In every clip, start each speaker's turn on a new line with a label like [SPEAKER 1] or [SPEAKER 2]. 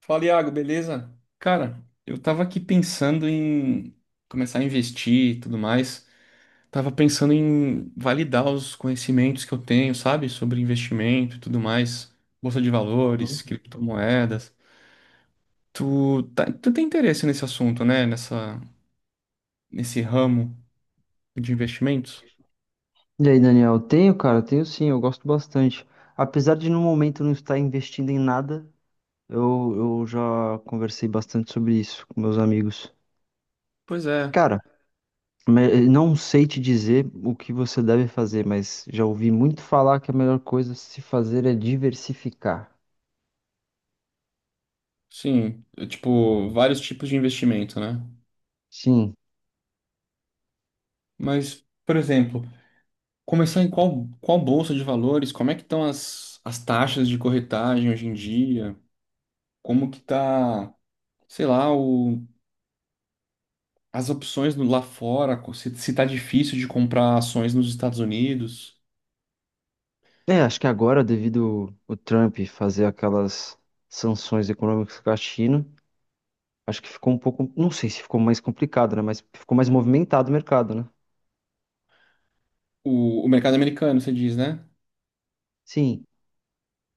[SPEAKER 1] Fala, Iago, beleza? Cara, eu tava aqui pensando em começar a investir e tudo mais. Tava pensando em validar os conhecimentos que eu tenho, sabe? Sobre investimento e tudo mais, bolsa de valores,
[SPEAKER 2] Uhum.
[SPEAKER 1] criptomoedas. Tu tem interesse nesse assunto, né? Nesse ramo de investimentos?
[SPEAKER 2] E aí, Daniel, tenho, cara, tenho sim, eu gosto bastante. Apesar de no momento não estar investindo em nada, eu, eu já conversei bastante sobre isso com meus amigos.
[SPEAKER 1] Pois é,
[SPEAKER 2] Cara, não sei te dizer o que você deve fazer, mas já ouvi muito falar que a melhor coisa a se fazer é diversificar.
[SPEAKER 1] sim. Tipo, vários tipos de investimento, né?
[SPEAKER 2] Sim.
[SPEAKER 1] Mas, por exemplo. Começar em qual bolsa de valores? Como é que estão as taxas de corretagem hoje em dia? Como que tá, sei lá, as opções lá fora? Se tá difícil de comprar ações nos Estados Unidos?
[SPEAKER 2] É, acho que agora, devido o Trump fazer aquelas sanções econômicas com a China, acho que ficou um pouco, não sei se ficou mais complicado, né? Mas ficou mais movimentado o mercado, né?
[SPEAKER 1] O mercado americano, você diz, né?
[SPEAKER 2] Sim.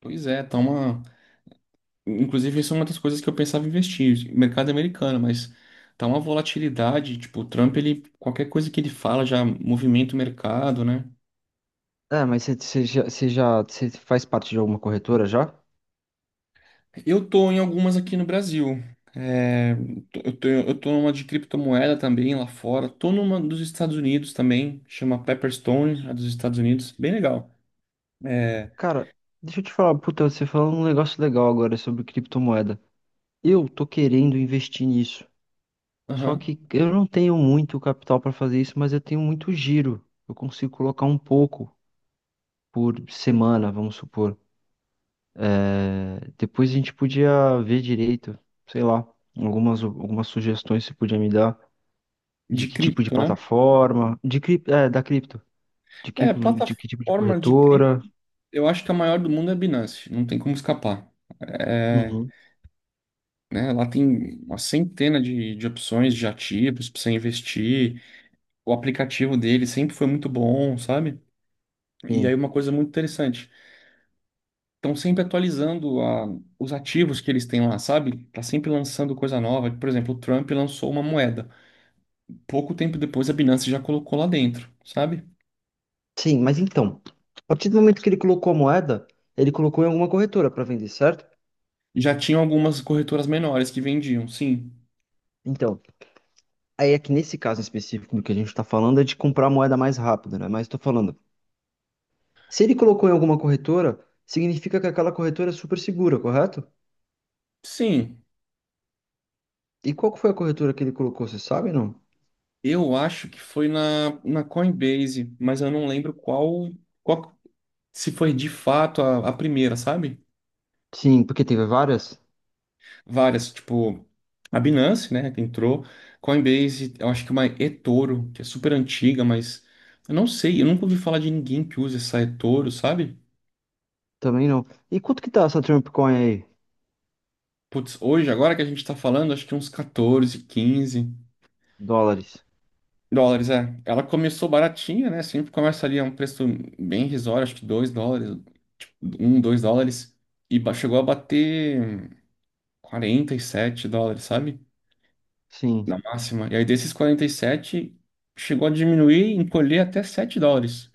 [SPEAKER 1] Pois é, tá uma. Inclusive, isso é uma das coisas que eu pensava em investir, mercado americano, mas tá uma volatilidade, tipo, o Trump, ele, qualquer coisa que ele fala já movimenta o mercado, né?
[SPEAKER 2] É, mas você faz parte de alguma corretora já?
[SPEAKER 1] Eu tô em algumas aqui no Brasil. É, eu tô numa de criptomoeda também lá fora. Tô numa dos Estados Unidos também, chama Pepperstone, a dos Estados Unidos. Bem legal. É,
[SPEAKER 2] Cara, deixa eu te falar, puta, você falou um negócio legal agora sobre criptomoeda. Eu tô querendo investir nisso. Só
[SPEAKER 1] aham,
[SPEAKER 2] que eu não tenho muito capital para fazer isso, mas eu tenho muito giro. Eu consigo colocar um pouco por semana, vamos supor. É, depois a gente podia ver direito, sei lá, algumas sugestões você podia me dar de
[SPEAKER 1] de
[SPEAKER 2] que tipo de
[SPEAKER 1] cripto, né?
[SPEAKER 2] plataforma, de cripto, é, da cripto, de que, de que tipo de
[SPEAKER 1] Plataforma de cripto,
[SPEAKER 2] corretora.
[SPEAKER 1] eu acho que a maior do mundo é a Binance, não tem como escapar. É,
[SPEAKER 2] Uhum,
[SPEAKER 1] né, lá tem uma centena de opções de ativos para você investir. O aplicativo dele sempre foi muito bom, sabe? E
[SPEAKER 2] sim.
[SPEAKER 1] aí uma coisa muito interessante. Estão sempre atualizando os ativos que eles têm lá, sabe? Tá sempre lançando coisa nova. Por exemplo, o Trump lançou uma moeda. Pouco tempo depois, a Binance já colocou lá dentro, sabe?
[SPEAKER 2] Sim, mas então, a partir do momento que ele colocou a moeda, ele colocou em alguma corretora para vender, certo?
[SPEAKER 1] Já tinham algumas corretoras menores que vendiam, sim.
[SPEAKER 2] Então, aí é que nesse caso específico do que a gente está falando é de comprar a moeda mais rápida, né? Mas estou falando, se ele colocou em alguma corretora, significa que aquela corretora é super segura, correto?
[SPEAKER 1] Sim,
[SPEAKER 2] E qual que foi a corretora que ele colocou, você sabe, não?
[SPEAKER 1] eu acho que foi na Coinbase, mas eu não lembro qual se foi de fato a primeira, sabe?
[SPEAKER 2] Sim, porque teve várias?
[SPEAKER 1] Várias, tipo, a Binance, né, que entrou, Coinbase, eu acho que uma eToro, que é super antiga, mas eu não sei, eu nunca ouvi falar de ninguém que usa essa eToro, sabe?
[SPEAKER 2] Também não. E quanto que tá essa Trump Coin aí?
[SPEAKER 1] Putz, hoje, agora que a gente tá falando, acho que uns 14, 15
[SPEAKER 2] Dólares?
[SPEAKER 1] dólares, é. Ela começou baratinha, né, sempre começa ali a um preço bem irrisório, acho que 2 dólares, tipo, 1, 2 dólares, e chegou a bater 47 dólares, sabe?
[SPEAKER 2] Sim,
[SPEAKER 1] Na máxima. E aí desses 47 chegou a diminuir, encolher até 7 dólares.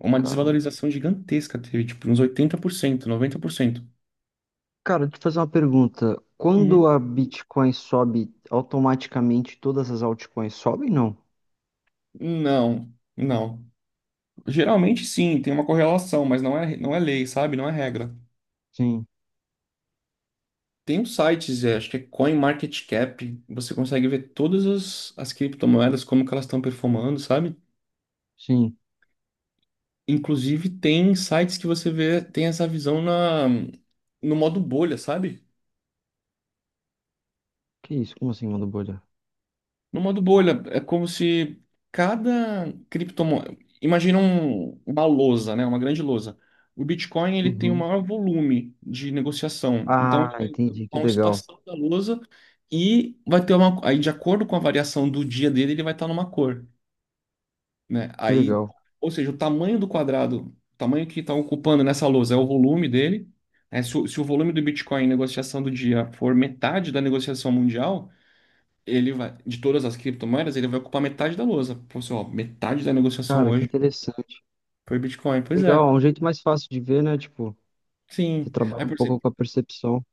[SPEAKER 1] Uma
[SPEAKER 2] cara.
[SPEAKER 1] desvalorização gigantesca teve, tipo, uns 80%, 90%.
[SPEAKER 2] Cara, deixa eu te fazer uma pergunta.
[SPEAKER 1] Uhum.
[SPEAKER 2] Quando a Bitcoin sobe, automaticamente todas as altcoins sobem, não?
[SPEAKER 1] Não, não. Geralmente sim, tem uma correlação, mas não é lei, sabe? Não é regra.
[SPEAKER 2] Sim,
[SPEAKER 1] Tem uns sites, acho que é CoinMarketCap, você consegue ver todas as criptomoedas, como que elas estão performando, sabe?
[SPEAKER 2] sim.
[SPEAKER 1] Inclusive tem sites que você vê, tem essa visão na, no modo bolha, sabe?
[SPEAKER 2] Que isso? Como assim, manda bolha?
[SPEAKER 1] No modo bolha, é como se cada criptomoeda. Imagina uma lousa, né? Uma grande lousa. O Bitcoin ele tem o
[SPEAKER 2] Uhum.
[SPEAKER 1] maior volume de negociação. Então, ele
[SPEAKER 2] Ah,
[SPEAKER 1] vai
[SPEAKER 2] entendi. Que
[SPEAKER 1] ocupar um
[SPEAKER 2] legal.
[SPEAKER 1] espação da lousa e vai ter uma. Aí, de acordo com a variação do dia dele, ele vai estar numa cor, né?
[SPEAKER 2] Que
[SPEAKER 1] Aí,
[SPEAKER 2] legal.
[SPEAKER 1] ou seja, o tamanho do quadrado, o tamanho que está ocupando nessa lousa é o volume dele. Né? Se o volume do Bitcoin em negociação do dia for metade da negociação mundial ele vai, de todas as criptomoedas, ele vai ocupar metade da lousa. Pô, assim, ó, metade da negociação
[SPEAKER 2] Cara, que
[SPEAKER 1] hoje
[SPEAKER 2] interessante.
[SPEAKER 1] foi Bitcoin. Pois é,
[SPEAKER 2] Legal, é um jeito mais fácil de ver, né? Tipo, você
[SPEAKER 1] sim. Aí,
[SPEAKER 2] trabalha um
[SPEAKER 1] por
[SPEAKER 2] pouco
[SPEAKER 1] exemplo,
[SPEAKER 2] com a percepção.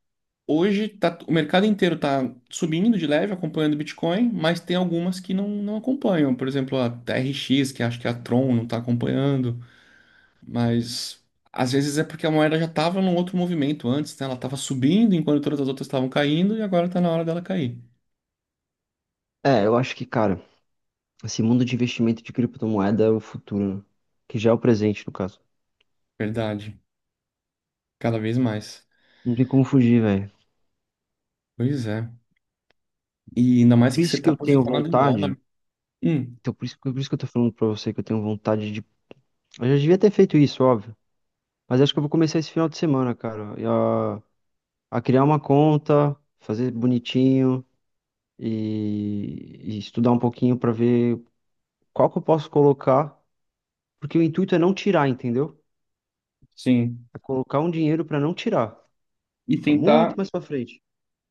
[SPEAKER 1] hoje tá, o mercado inteiro tá subindo de leve, acompanhando o Bitcoin, mas tem algumas que não acompanham. Por exemplo, a TRX, que acho que a Tron não tá acompanhando, mas. Às vezes é porque a moeda já estava num outro movimento antes, né? Ela estava subindo enquanto todas as outras estavam caindo e agora está na hora dela cair.
[SPEAKER 2] É, eu acho que, cara, esse mundo de investimento de criptomoeda é o futuro, né? Que já é o presente, no caso.
[SPEAKER 1] Verdade. Cada vez mais.
[SPEAKER 2] Não tem como fugir, velho.
[SPEAKER 1] Pois é. E ainda mais
[SPEAKER 2] Por
[SPEAKER 1] que você
[SPEAKER 2] isso que
[SPEAKER 1] está
[SPEAKER 2] eu tenho
[SPEAKER 1] posicionado em
[SPEAKER 2] vontade.
[SPEAKER 1] dólar. Hum,
[SPEAKER 2] Então, por isso que eu tô falando pra você que eu tenho vontade. Eu já devia ter feito isso, óbvio. Mas acho que eu vou começar esse final de semana, cara, a criar uma conta, fazer bonitinho e estudar um pouquinho pra ver qual que eu posso colocar. Porque o intuito é não tirar, entendeu?
[SPEAKER 1] sim.
[SPEAKER 2] É colocar um dinheiro pra não tirar.
[SPEAKER 1] E
[SPEAKER 2] Tá muito
[SPEAKER 1] tentar.
[SPEAKER 2] mais pra frente.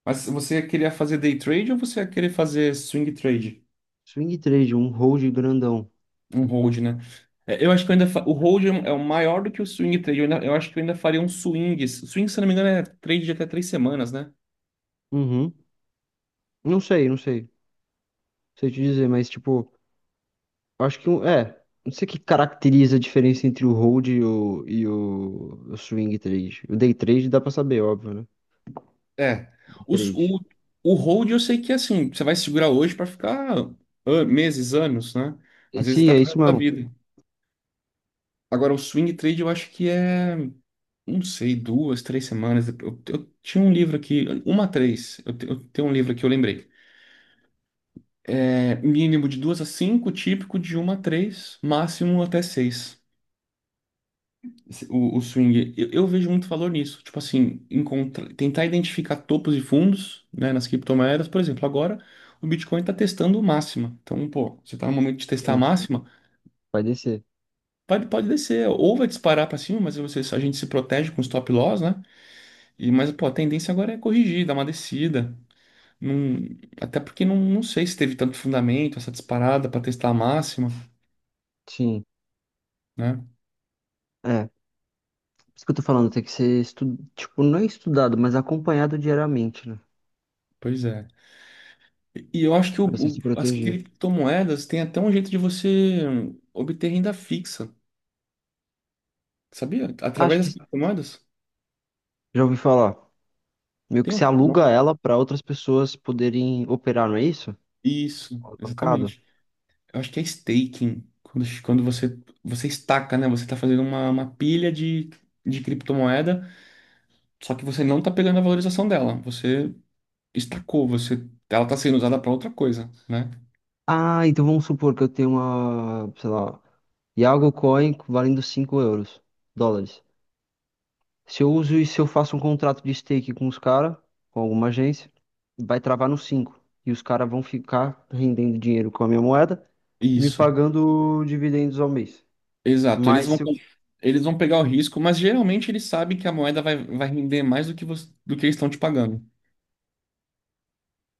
[SPEAKER 1] Mas você queria fazer day trade ou você ia querer fazer swing trade?
[SPEAKER 2] Swing trade, um hold grandão.
[SPEAKER 1] Um hold, né? Eu acho que eu ainda. O hold é um, é o maior do que o swing trade. Eu acho que eu ainda faria um swing. Swing, se não me engano, é trade de até 3 semanas, né?
[SPEAKER 2] Uhum. Não sei. Não sei te dizer, mas tipo, eu acho que é. Não sei o que caracteriza a diferença entre o hold e o swing trade. O day trade dá pra saber, óbvio, né?
[SPEAKER 1] É. Os-
[SPEAKER 2] Três.
[SPEAKER 1] O, o hold eu sei que é assim. Você vai segurar hoje para ficar meses, anos, né?
[SPEAKER 2] E
[SPEAKER 1] Às vezes
[SPEAKER 2] sim, é
[SPEAKER 1] até para
[SPEAKER 2] isso
[SPEAKER 1] a
[SPEAKER 2] mesmo.
[SPEAKER 1] vida. Agora, o swing trade eu acho que é. Não sei, duas, 3 semanas. Eu tinha um livro aqui, 1 a 3. Eu, eu tenho um livro aqui, eu lembrei. É, mínimo de 2 a 5, típico de 1 a 3, máximo até 6. O swing. Eu vejo muito valor nisso. Tipo assim, encontra, tentar identificar topos e fundos, né, nas criptomoedas. Por exemplo, agora o Bitcoin está testando máxima. Então, pô, você está no momento de testar a
[SPEAKER 2] Sim,
[SPEAKER 1] máxima,
[SPEAKER 2] vai descer.
[SPEAKER 1] pode descer. Ou vai disparar para cima, mas você, a gente se protege com stop loss, né? E, mas, pô, a tendência agora é corrigir, dar uma descida. Não- até porque não sei se teve tanto fundamento essa disparada para testar a máxima,
[SPEAKER 2] Sim.
[SPEAKER 1] né?
[SPEAKER 2] É. Isso que eu tô falando, tem que ser tipo, não é estudado, mas acompanhado diariamente, né?
[SPEAKER 1] Pois é. E eu acho que
[SPEAKER 2] Pra você se
[SPEAKER 1] as
[SPEAKER 2] proteger.
[SPEAKER 1] criptomoedas têm até um jeito de você obter renda fixa, sabia? Através
[SPEAKER 2] Acho
[SPEAKER 1] das
[SPEAKER 2] que
[SPEAKER 1] criptomoedas.
[SPEAKER 2] já ouvi falar. Meio
[SPEAKER 1] Tem
[SPEAKER 2] que
[SPEAKER 1] um
[SPEAKER 2] se
[SPEAKER 1] tal
[SPEAKER 2] aluga
[SPEAKER 1] nome.
[SPEAKER 2] ela pra outras pessoas poderem operar, não é isso?
[SPEAKER 1] Isso,
[SPEAKER 2] Alavancado.
[SPEAKER 1] exatamente. Eu acho que é staking. Quando você, você estaca, né? Você está fazendo uma pilha de criptomoeda, só que você não está pegando a valorização dela. Você estacou, você, ela está sendo usada para outra coisa, né?
[SPEAKER 2] Ah, então vamos supor que eu tenho uma, sei lá, Iago Coin valendo 5 euros, dólares. Se eu uso e se eu faço um contrato de stake com os caras, com alguma agência, vai travar no cinco. E os caras vão ficar rendendo dinheiro com a minha moeda e me
[SPEAKER 1] Isso.
[SPEAKER 2] pagando dividendos ao mês.
[SPEAKER 1] Exato, eles
[SPEAKER 2] Mas
[SPEAKER 1] vão,
[SPEAKER 2] se eu.
[SPEAKER 1] eles vão pegar o risco, mas geralmente eles sabem que a moeda vai render mais do que, do que eles estão te pagando,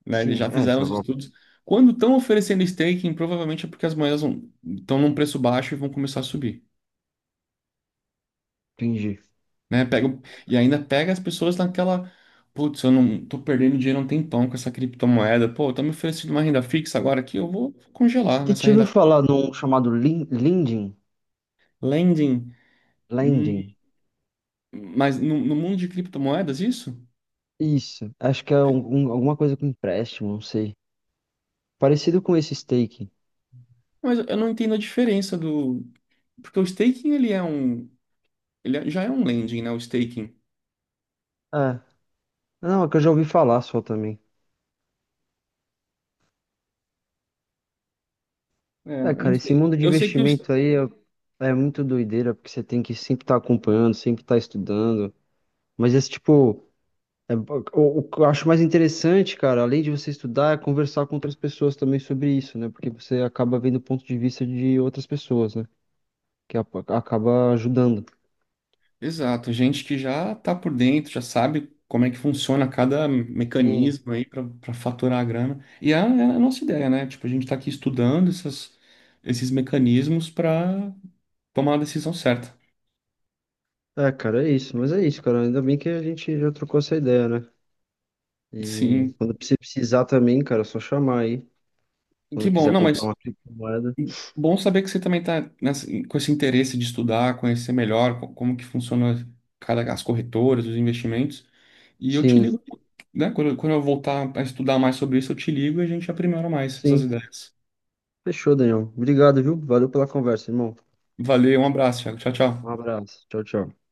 [SPEAKER 1] né? Eles
[SPEAKER 2] Sim,
[SPEAKER 1] já
[SPEAKER 2] é, se
[SPEAKER 1] fizeram
[SPEAKER 2] eu
[SPEAKER 1] os estudos. Quando estão oferecendo staking, provavelmente é porque as moedas estão num preço baixo e vão começar a subir,
[SPEAKER 2] atingir.
[SPEAKER 1] né? Pega, e ainda pega as pessoas naquela, putz, eu não tô perdendo dinheiro há um tempão com essa criptomoeda, pô, estão me oferecendo uma renda fixa agora aqui, eu vou congelar
[SPEAKER 2] Que te
[SPEAKER 1] nessa
[SPEAKER 2] ouviu
[SPEAKER 1] renda.
[SPEAKER 2] falar num chamado Lending?
[SPEAKER 1] Lending, hum,
[SPEAKER 2] Lending.
[SPEAKER 1] mas no mundo de criptomoedas, isso?
[SPEAKER 2] Isso. Acho que é alguma coisa com empréstimo, não sei. Parecido com esse stake.
[SPEAKER 1] Mas eu não entendo a diferença do. Porque o staking, ele é um. Ele já é um lending, né? O staking.
[SPEAKER 2] É. Não, é que eu já ouvi falar só também. É,
[SPEAKER 1] Eu não
[SPEAKER 2] cara, esse
[SPEAKER 1] sei.
[SPEAKER 2] mundo de
[SPEAKER 1] Eu sei que os.
[SPEAKER 2] investimento aí é muito doideira, porque você tem que sempre estar acompanhando, sempre estar estudando. Mas esse tipo, é, o que eu acho mais interessante, cara, além de você estudar, é conversar com outras pessoas também sobre isso, né? Porque você acaba vendo o ponto de vista de outras pessoas, né? Que a- acaba ajudando.
[SPEAKER 1] Exato, gente que já tá por dentro, já sabe como é que funciona cada
[SPEAKER 2] Sim.
[SPEAKER 1] mecanismo aí para faturar a grana. E é a nossa ideia, né? Tipo, a gente tá aqui estudando essas, esses mecanismos para tomar a decisão certa.
[SPEAKER 2] É, cara, é isso. Mas é isso, cara. Ainda bem que a gente já trocou essa ideia, né? E
[SPEAKER 1] Sim,
[SPEAKER 2] quando você precisar também, cara, é só chamar aí.
[SPEAKER 1] que
[SPEAKER 2] Quando
[SPEAKER 1] bom.
[SPEAKER 2] quiser
[SPEAKER 1] Não,
[SPEAKER 2] comprar
[SPEAKER 1] mas
[SPEAKER 2] uma criptomoeda.
[SPEAKER 1] bom saber que você também está com esse interesse de estudar, conhecer melhor como que funciona cada as corretoras, os investimentos. E eu te
[SPEAKER 2] Sim,
[SPEAKER 1] ligo, né? Quando, quando eu voltar a estudar mais sobre isso, eu te ligo e a gente aprimora mais essas
[SPEAKER 2] sim.
[SPEAKER 1] ideias.
[SPEAKER 2] Fechou, Daniel. Obrigado, viu? Valeu pela conversa, irmão.
[SPEAKER 1] Valeu, um abraço, Thiago. Tchau,
[SPEAKER 2] Um
[SPEAKER 1] tchau.
[SPEAKER 2] abraço. Tchau, tchau.